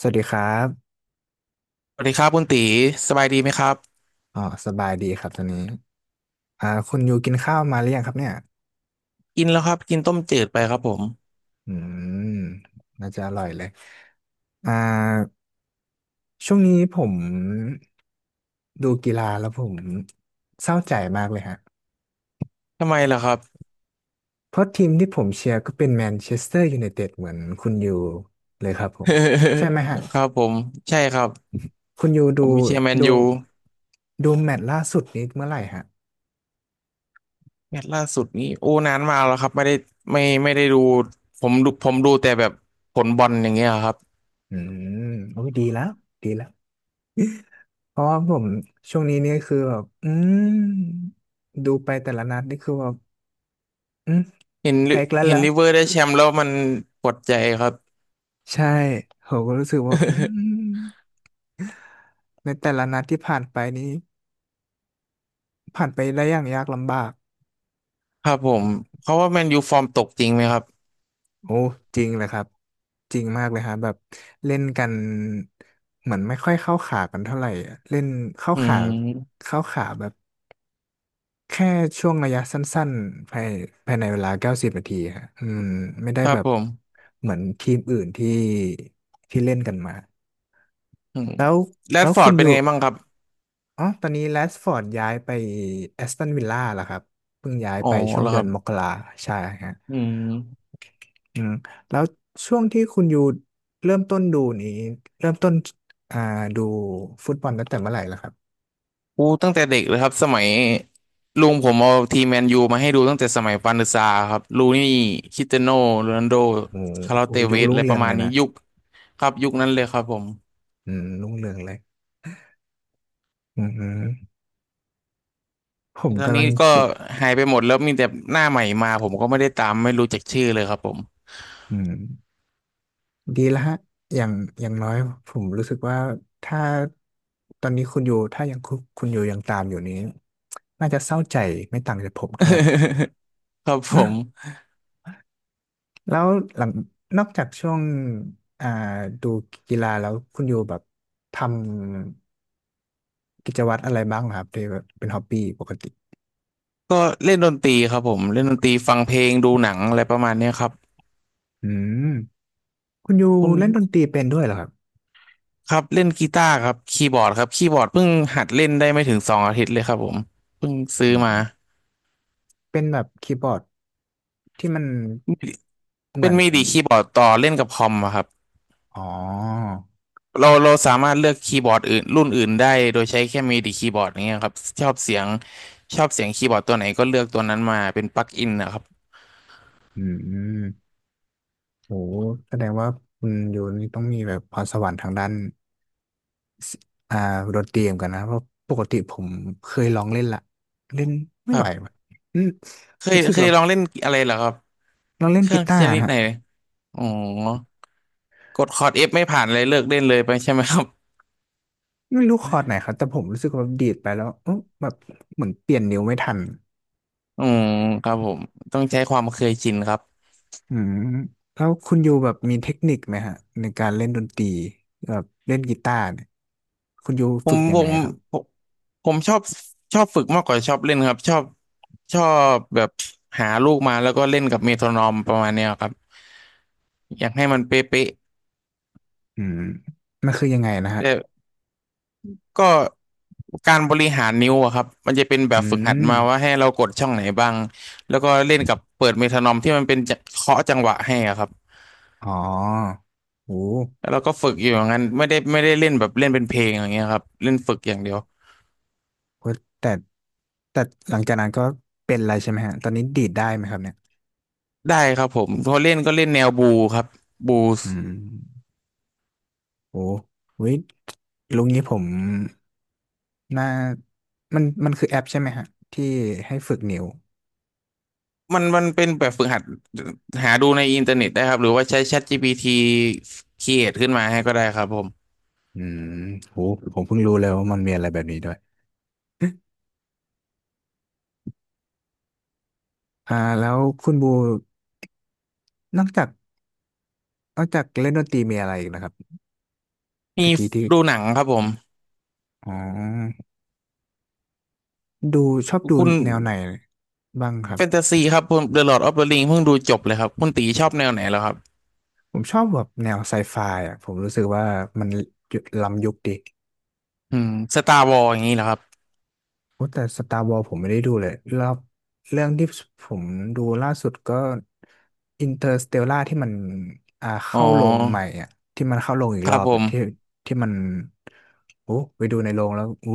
สวัสดีครับ สวัสดีครับคุณตีสบายดีไหมครับอ๋อ สบายดีครับตอนนี้อ่าคุณอยู่กินข้าวมาหรือยังครับเนี่ย กินแล้วครับกินต้มจืดไปครับผมอืม น่าจะอร่อยเลย อ่า ช่วงนี้ผมดูกีฬาแล้วผมเศร้าใจมากเลยฮะ ทำไมล่ะครับ เพราะทีมที่ผมเชียร์ก็เป็นแมนเชสเตอร์ยูไนเต็ดเหมือนคุณอยู่เลยครับผม ใช่ไหมฮะ ครับผมใช่ครับคุณอยู่ดูผมเชียร์แมนดูยูแมตช์ล่าสุดนี้เมื่อไหร่ฮะ แมตช์ล่าสุดนี้โอ้นานมากแล้วครับไม่ได้ไม่ได้ดูผมดูแต่แบบผลบอลอย่างเงี้ยครับอืมโอ้ยดีแล้ว ดีแล้ว เพราะว่าผมช่วงนี้เนี่ยคือแบบอืมดูไปแต่ละนัดนี่คือแบบอืมเห็นลิแพ้อีกแล้วเห็นละลิเวอร์ได้แชมป์แล้วมันปวดใจครับ ใช่ผมก็รู้สึกว่าอืม ในแต่ละนัดที่ผ่านไปนี้ผ่านไปได้อย่างยากลำบากครับผมเขาว่าแมนยูฟอร์มตกจริงไหมครับโอ้จริงเลยครับจริงมากเลยฮะแบบเล่นกันเหมือนไม่ค่อยเข้าขากันเท่าไหร่อะเล่นเข้าอืขามแบบ แค่ช่วงระยะสั้นๆภายในเวลา90 นาทีฮะอืมไม่ได้ครัแบบบผมเหมือนทีมอื่นที่ที่เล่นกันมาอืมแล้วแรแล้ดวฟอคุร์ดณอเป็นยู่ไงบ้างครับอ๋อตอนนี้แรชฟอร์ดย้ายไปแอสตันวิลล่าแล้วครับเพิ่งย้ายอ๋อไปช่วงแล้วเดืคอรันบมกราใช่ฮะอืม อืมแล้วช่วงที่คุณอยู่เริ่มต้นดูนี้เริ่มต้นอ่าดูฟุตบอลตั้งแต่เมื่อไหร่ล่ะครับอู้ตั้งแต่เด็กเลยครับสมัยลุงผมเอาทีมแมนยูมาให้ดูตั้งแต่สมัยปานศึกษาครับลูนี่คริสเตียโน่โรนัลโดโอ้คาร์ลอสโหเตยุเวคสรุ่อะงไรเรืปอระงมาเลณยนี้นะยุคครับยุคนั้นเลยครับผมอืมรุ่งเรืองเลยอืมผมตอนกำนี้ลังก็คิด หายไปหมดแล้วมีแต่หน้าใหม่มาผมก็ไม่ได้ตามไม่รู้จักชื่อเลยครับผม อืมดีแล้วฮะอย่างน้อย ผมรู้สึกว่า ถ้าตอนนี้คุณอยู่ถ้ายังคุณอยู่ยังตามอยู่นี้น่าจะเศร้าใจไม่ต่างจากผมเท่าไหร่ ครับผมแล้วหลังนอกจากช่วงอ่าดูกีฬาแล้ว คุณอยู่แบบทำกิจวัตรอะไรบ้างเหรอครับที่แบบเป็นฮอบบี้ปกติก็เล่นดนตรีครับผมเล่นดนตรีฟังเพลงดูหนังอะไรประมาณเนี้ยครับอืมคุณอยู่คุณเล่นดนตรีเป็นด้วยเหรอครับครับเล่นกีตาร์ครับคีย์บอร์ดครับคีย์บอร์ดเพิ่งหัดเล่นได้ไม่ถึง2 อาทิตย์เลยครับผมเพิ่งซื้อือมา มเป็นแบบคีย์บอร์ดที่มันเหมืเป็อนนมิดิคีย์บอร์ดต่อเล่นกับคอมอะครับอ๋อเราสามารถเลือกคีย์บอร์ดอื่นรุ่นอื่นได้โดยใช้แค่มิดิคีย์บอร์ดอย่างเงี้ยครับชอบเสียงชอบเสียงคีย์บอร์ดตัวไหนก็เลือกตัวนั้นมาเป็นปลั๊กอินนะครับอืม โหแสดงว่าคุณอยู่นี่ต้องมีแบบพรสวรรค์ทางด้านอ่าดนตรีเหมือนกันนะเพราะปกติผมเคยลองเล่นละเล่นไม่ครัไหวบว่ะอืมเคยรู้สึกเคแบยบลองเล่นอะไรเหรอครับลองเล่เคนรื่อกีงตาชร์นิดไหฮะนอ๋อกดคอร์ดเอฟไม่ผ่านเลยเลิกเล่นเลยไปใช่ไหมครับไม่รู้คอร์ดไหนครับแต่ผมรู้สึกว่าแบบดีดไปแล้วเอ๊ะแบบเหมือนเปลี่ยนนิ้วไม่ทันอืมครับผมต้องใช้ความเคยชินครับ อืมแล้วคุณอยู่แบบมีเทคนิคไหมฮะในการเล่นดนตรีแบบเล่นกีตาร์เนี่ยคุณอยู่ผฝึมกยัผงไงมครับผมผมชอบฝึกมากกว่าชอบเล่นครับชอบแบบหาลูกมาแล้วก็เล่นกับเมโทรนอมประมาณเนี้ยครับอยากให้มันเป๊ะอืมมันคือยังไงนะๆฮะแต่ก็การบริหารนิ้วอะครับมันจะเป็นแบอืบฝึกหัดมมาว่าให้เรากดช่องไหนบ้างแล้วก็เล่นกับเปิดเมโทรนอมที่มันเป็นจะเคาะจังหวะให้อะครับอ๋อโอ้ แล้วเราก็ฝึกอยู่อย่างนั้นไม่ได้เล่นแบบเล่นเป็นเพลงอย่างเงี้ยครับเล่นฝึกอย่างเดียวโอ้ยแต่แต่หลังจากนั้นก็เป็นอะไรใช่ไหมฮะตอนนี้ดีดได้ไหมครับเนี่ยได้ครับผมพอเล่นก็เล่นแนวบูครับบู อืมโอ้ว้ยลุงนี้ผมน่ามันคือแอปใช่ไหมฮะที่ให้ฝึกนิ้วมันเป็นแบบฝึกหัดหาดูในอินเทอร์เน็ตได้ครับหรือว่าใช้ ChatGPT เรียอขึ้นมาให้ก็ได้ครับผมอืมโหผมเพิ่งรู้เลยว่ามันมีอะไรแบบนี้ด้วยอ่าแล้วคุณบูนอกจากเล่นดนตรีมีอะไรอีกนะครับมีตะกี้ที่ดูหนังครับผมอ๋อดูชอบดูคุณแนวไหนบ้างครับแฟนตาซีครับผม The Lord of the Ring เพิ่งดูจบเลยครับคุณตีชอบแนวไหนแล้วครับผมชอบแบบแนวไซไฟอ่ะผมรู้สึกว่ามันล้ำยุคดี อืม Star Wars อย่างนี้เหรอครับโอ้แต่ Star Wars ผมไม่ได้ดูเลยรอบเรื่องที่ผมดูล่าสุดก็ Interstellar ที่มันอ่าอ๋เข้าโรงใหม่ออ่ะที่มันเข้าโรงอีกครรัอบบผอะมที่ที่มันโอ้ไปดูในโรงแล้วอู้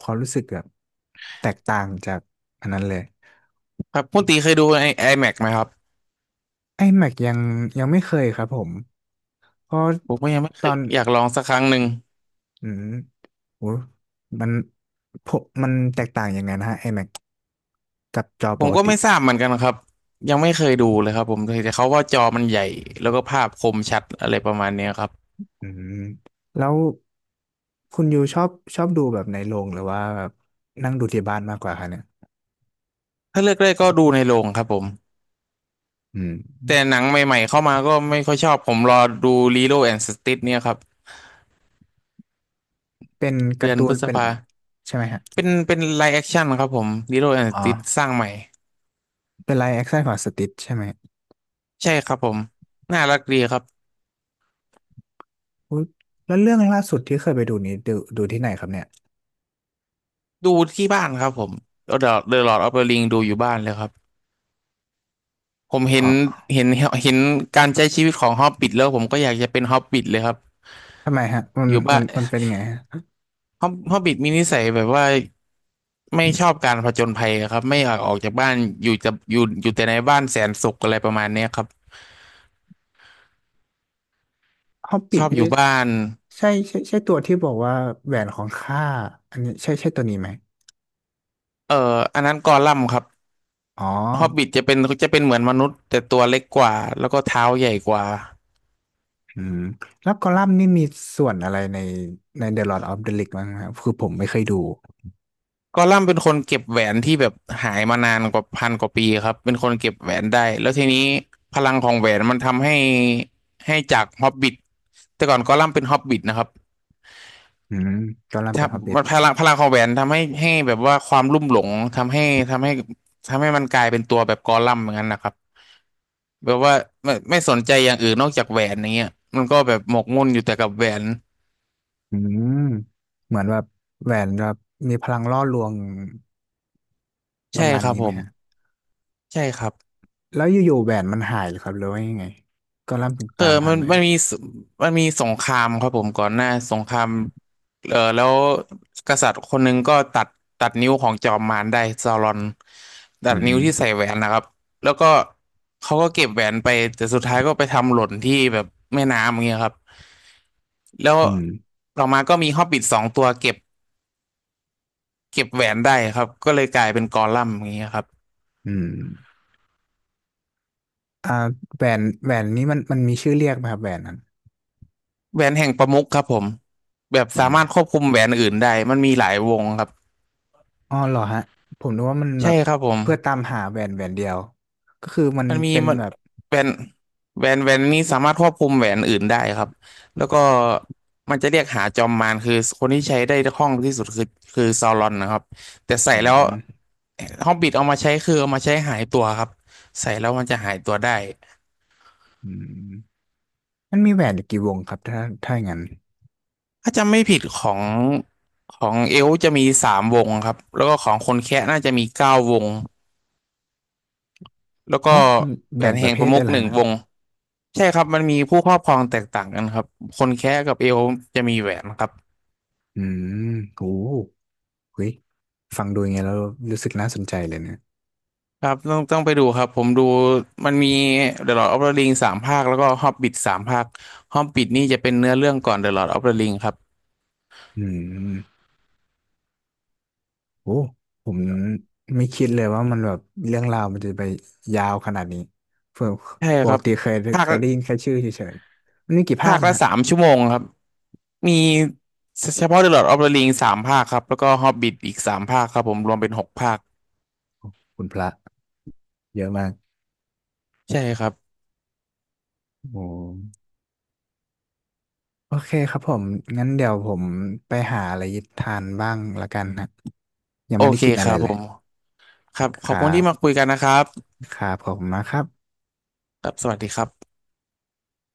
ความรู้สึกแบบแตกต่างจากอันนั้นเลยครับคุณตีเคยดูไอ้ IMAX ไหมครับไอ้แม็กยังยังไม่เคยครับผมเพราะผมก็ยังไม่เคตอยนอยากลองสักครั้งหนึ่งอืมโอ้มันผมมันแตกต่างยังไงนะฮะไอ้แม็กกับจอผปมกก็ติไม่ทราบเหมือนกันครับยังไม่เคยดูเลยครับผมแต่เขาว่าจอมันใหญ่แล้วก็ภาพคมชัดอะไรประมาณเนี้ยครับ อืมแล้ว คุณยูชอบดูแบบในโรงหรือว่าแบบนั่งดูที่บ้านมากกว่าคะเนี่ยถ้าเลือกได้ก็ดูในโรงครับผมอืแต่มหนังใหม่ๆเข้ามาก็ไม่ค่อยชอบผมรอดู Lilo and Stitch เนี่ยครับเป็นกาเดือร์นตูพนฤษเป็นภาใช่ไหมฮะ เป็นไลฟ์แอคชั่นครับผม Lilo and อ๋อ Stitch สร้างใหม่เป็นไลฟ์แอคชั่นของสติชใช่ไหมใช่ครับผมน่ารักดีครับอุ๊ยแล้วเรื่องล่าสุดที่เคยไปดูนี้ดูที่ไหนครับเนี่ย ดูที่บ้านครับผมเดอะเดอะลอร์ดออฟเดอะริงดูอยู่บ้านเลยครับผมอ๋อ เห็นเห็นการใช้ชีวิตของฮอบบิ t แล้วผมก็อยากจะเป็นฮอบบิ t เลยครับทำไมฮะ มันอยู่บ้าน เป็นไงฮะ ฮอบบิ t มีนิสัยแบบว่า ไม่ชอบการผจญภัยครับไม่อยากออกจากบ้านจะอยู่แต่ในบ้านแสนสุขอะไรประมาณเนี้ยครับฮอบบิชทอบอนี่ยู่บ้านใช่ใช่ใช่ตัวที่บอกว่าแหวนของข้าอันนี้ใช่ใช่ตัวนี้ไหมอันนั้นกอลัมน์ครับอ๋อฮอบบิทจะเป็นเหมือนมนุษย์แต่ตัวเล็กกว่าแล้วก็เท้าใหญ่กว่าอืมแล้วกอลัมน์นี่มีส่วนอะไรในThe Lord of the Rings บ้างไหมครับคือผมไม่เคยดูกอลัมน์เป็นคนเก็บแหวนที่แบบหายมานานกว่าพันกว่าปีครับเป็นคนเก็บแหวนได้แล้วทีนี้พลังของแหวนมันทำให้จากฮอบบิทแต่ก่อนกอลัมน์เป็นฮอบบิทนะครับ อืมกอลัมน์เป็นฮอบบิทำท มันพลังของแหวนทำให้แบบว่าความลุ่มหลงทำให้ทำให้ทำให้มันกลายเป็นตัวแบบกอลัมน์อย่างนั้นนะครับแบบว่าไม่สนใจอย่างอื่นนอกจากแหวนอย่างเงี้ยมันก็แบบหมกมุ่นอยู่แต่กับแหวนอืมเหมือนแบบแหวนแบบมีพลังล่อลวงปใช่ระมาณครับนี้ผไหมมฮะใช่ครับ แล้วอยู่ๆแหวนมันหายเหรือครับหรือว่ายังไงก็ล่ำถึงเออตามหามันแหวมันนมีสมันมีสงครามครับผมก่อนหน้าสงคราม เออแล้วกษัตริย์คนหนึงก็ตัดนิ้วของจอมมารได้ซารอนตัอืดนิ้วที่ใส่มแหวนนะครับแล้วก็เขาก็เก็บแหวนไปแต่สุดท้ายก็ไปทำหล่นที่แบบแม่น้ำอย่างเงี้ยครับแล้วอืมต่อมาก็มีฮอบบิท2 ตัวเก็บแหวนได้ครับก็เลยกลายเป็นกอลัมน์อย่างเงี้ยครับอืมอ่าแหวนนี้มันมีชื่อเรียกไหมครับแหวนนั้นแหวนแห่งประมุขครับผมแบบอืสามมารถควบคุมแหวนอื่นได้มันมีหลายวงครับอ๋อเหรอฮะผมนึกว่ามันแบใช่บครับผม เพื่อตามหาแหวนแหวนเดียวก็คือมันมันมีเป็นมันแบบแหวนแหวนแหวนนี้สามารถควบคุมแหวนอื่นได้ครับแล้วก็มันจะเรียกหาจอมมารคือคนที่ใช้ได้คล่องที่สุดคือซาวรอนนะครับแต่ใส่อืแล้วมฮอบบิทเอามาใช้คือเอามาใช้หายตัวครับใส่แล้วมันจะหายตัวได้อืมมันมีแหวนอยู่กี่วงครับถ้าอย่างนั้นถ้าจำไม่ผิดของเอลฟ์จะมี3 วงครับแล้วก็ของคนแคะน่าจะมี9 วงแล้วอ๋ก็อแหวแบ่งนปแห่ระงเภปทระมุได้ขแล้หวนึ่งนะวงใช่ครับมันมีผู้ครอบครองแตกต่างกันครับคนแคะกับเอลฟ์จะมีแหวนครับ อืมโห เฮ้ยฟังดูยังไงแล้วรู้สึกน่าสนใจเลยเนี่ยครับต้องไปดูครับผมดูมันมี The Lord of the Ring 3 ภาคแล้วก็ Hobbit สามภาค Hobbit นี่จะเป็นเนื้อเรื่องก่อน The Lord of the Ring ครับอืมโอ้ผมไม่คิดเลยว่ามันแบบเรื่องราวมันจะไปยาวขนาดนี้เพื่อใช่ปคกรับติเคยภาคได้ยินแค่ชื่อเฉยๆมันมีกี่ภาภาคคนะละฮะ3 ชั่วโมงครับมีเฉพาะ The Lord of the Ring สามภาคครับแล้วก็ Hobbit อีกสามภาคครับผมรวมเป็น6 ภาคคุณพระเยอะมากใช่ครับโอ้โอเคครับผมงั้นเดี๋ยวผมไปหาอะไรทานบ้างละกันฮะยังโอไม่ได้เคกินคอะไรรับเลผยมครับคขอบรัคุณที่มาคุบยกันนะครับครับขอบคุณมากครับครับสวัสดีครับ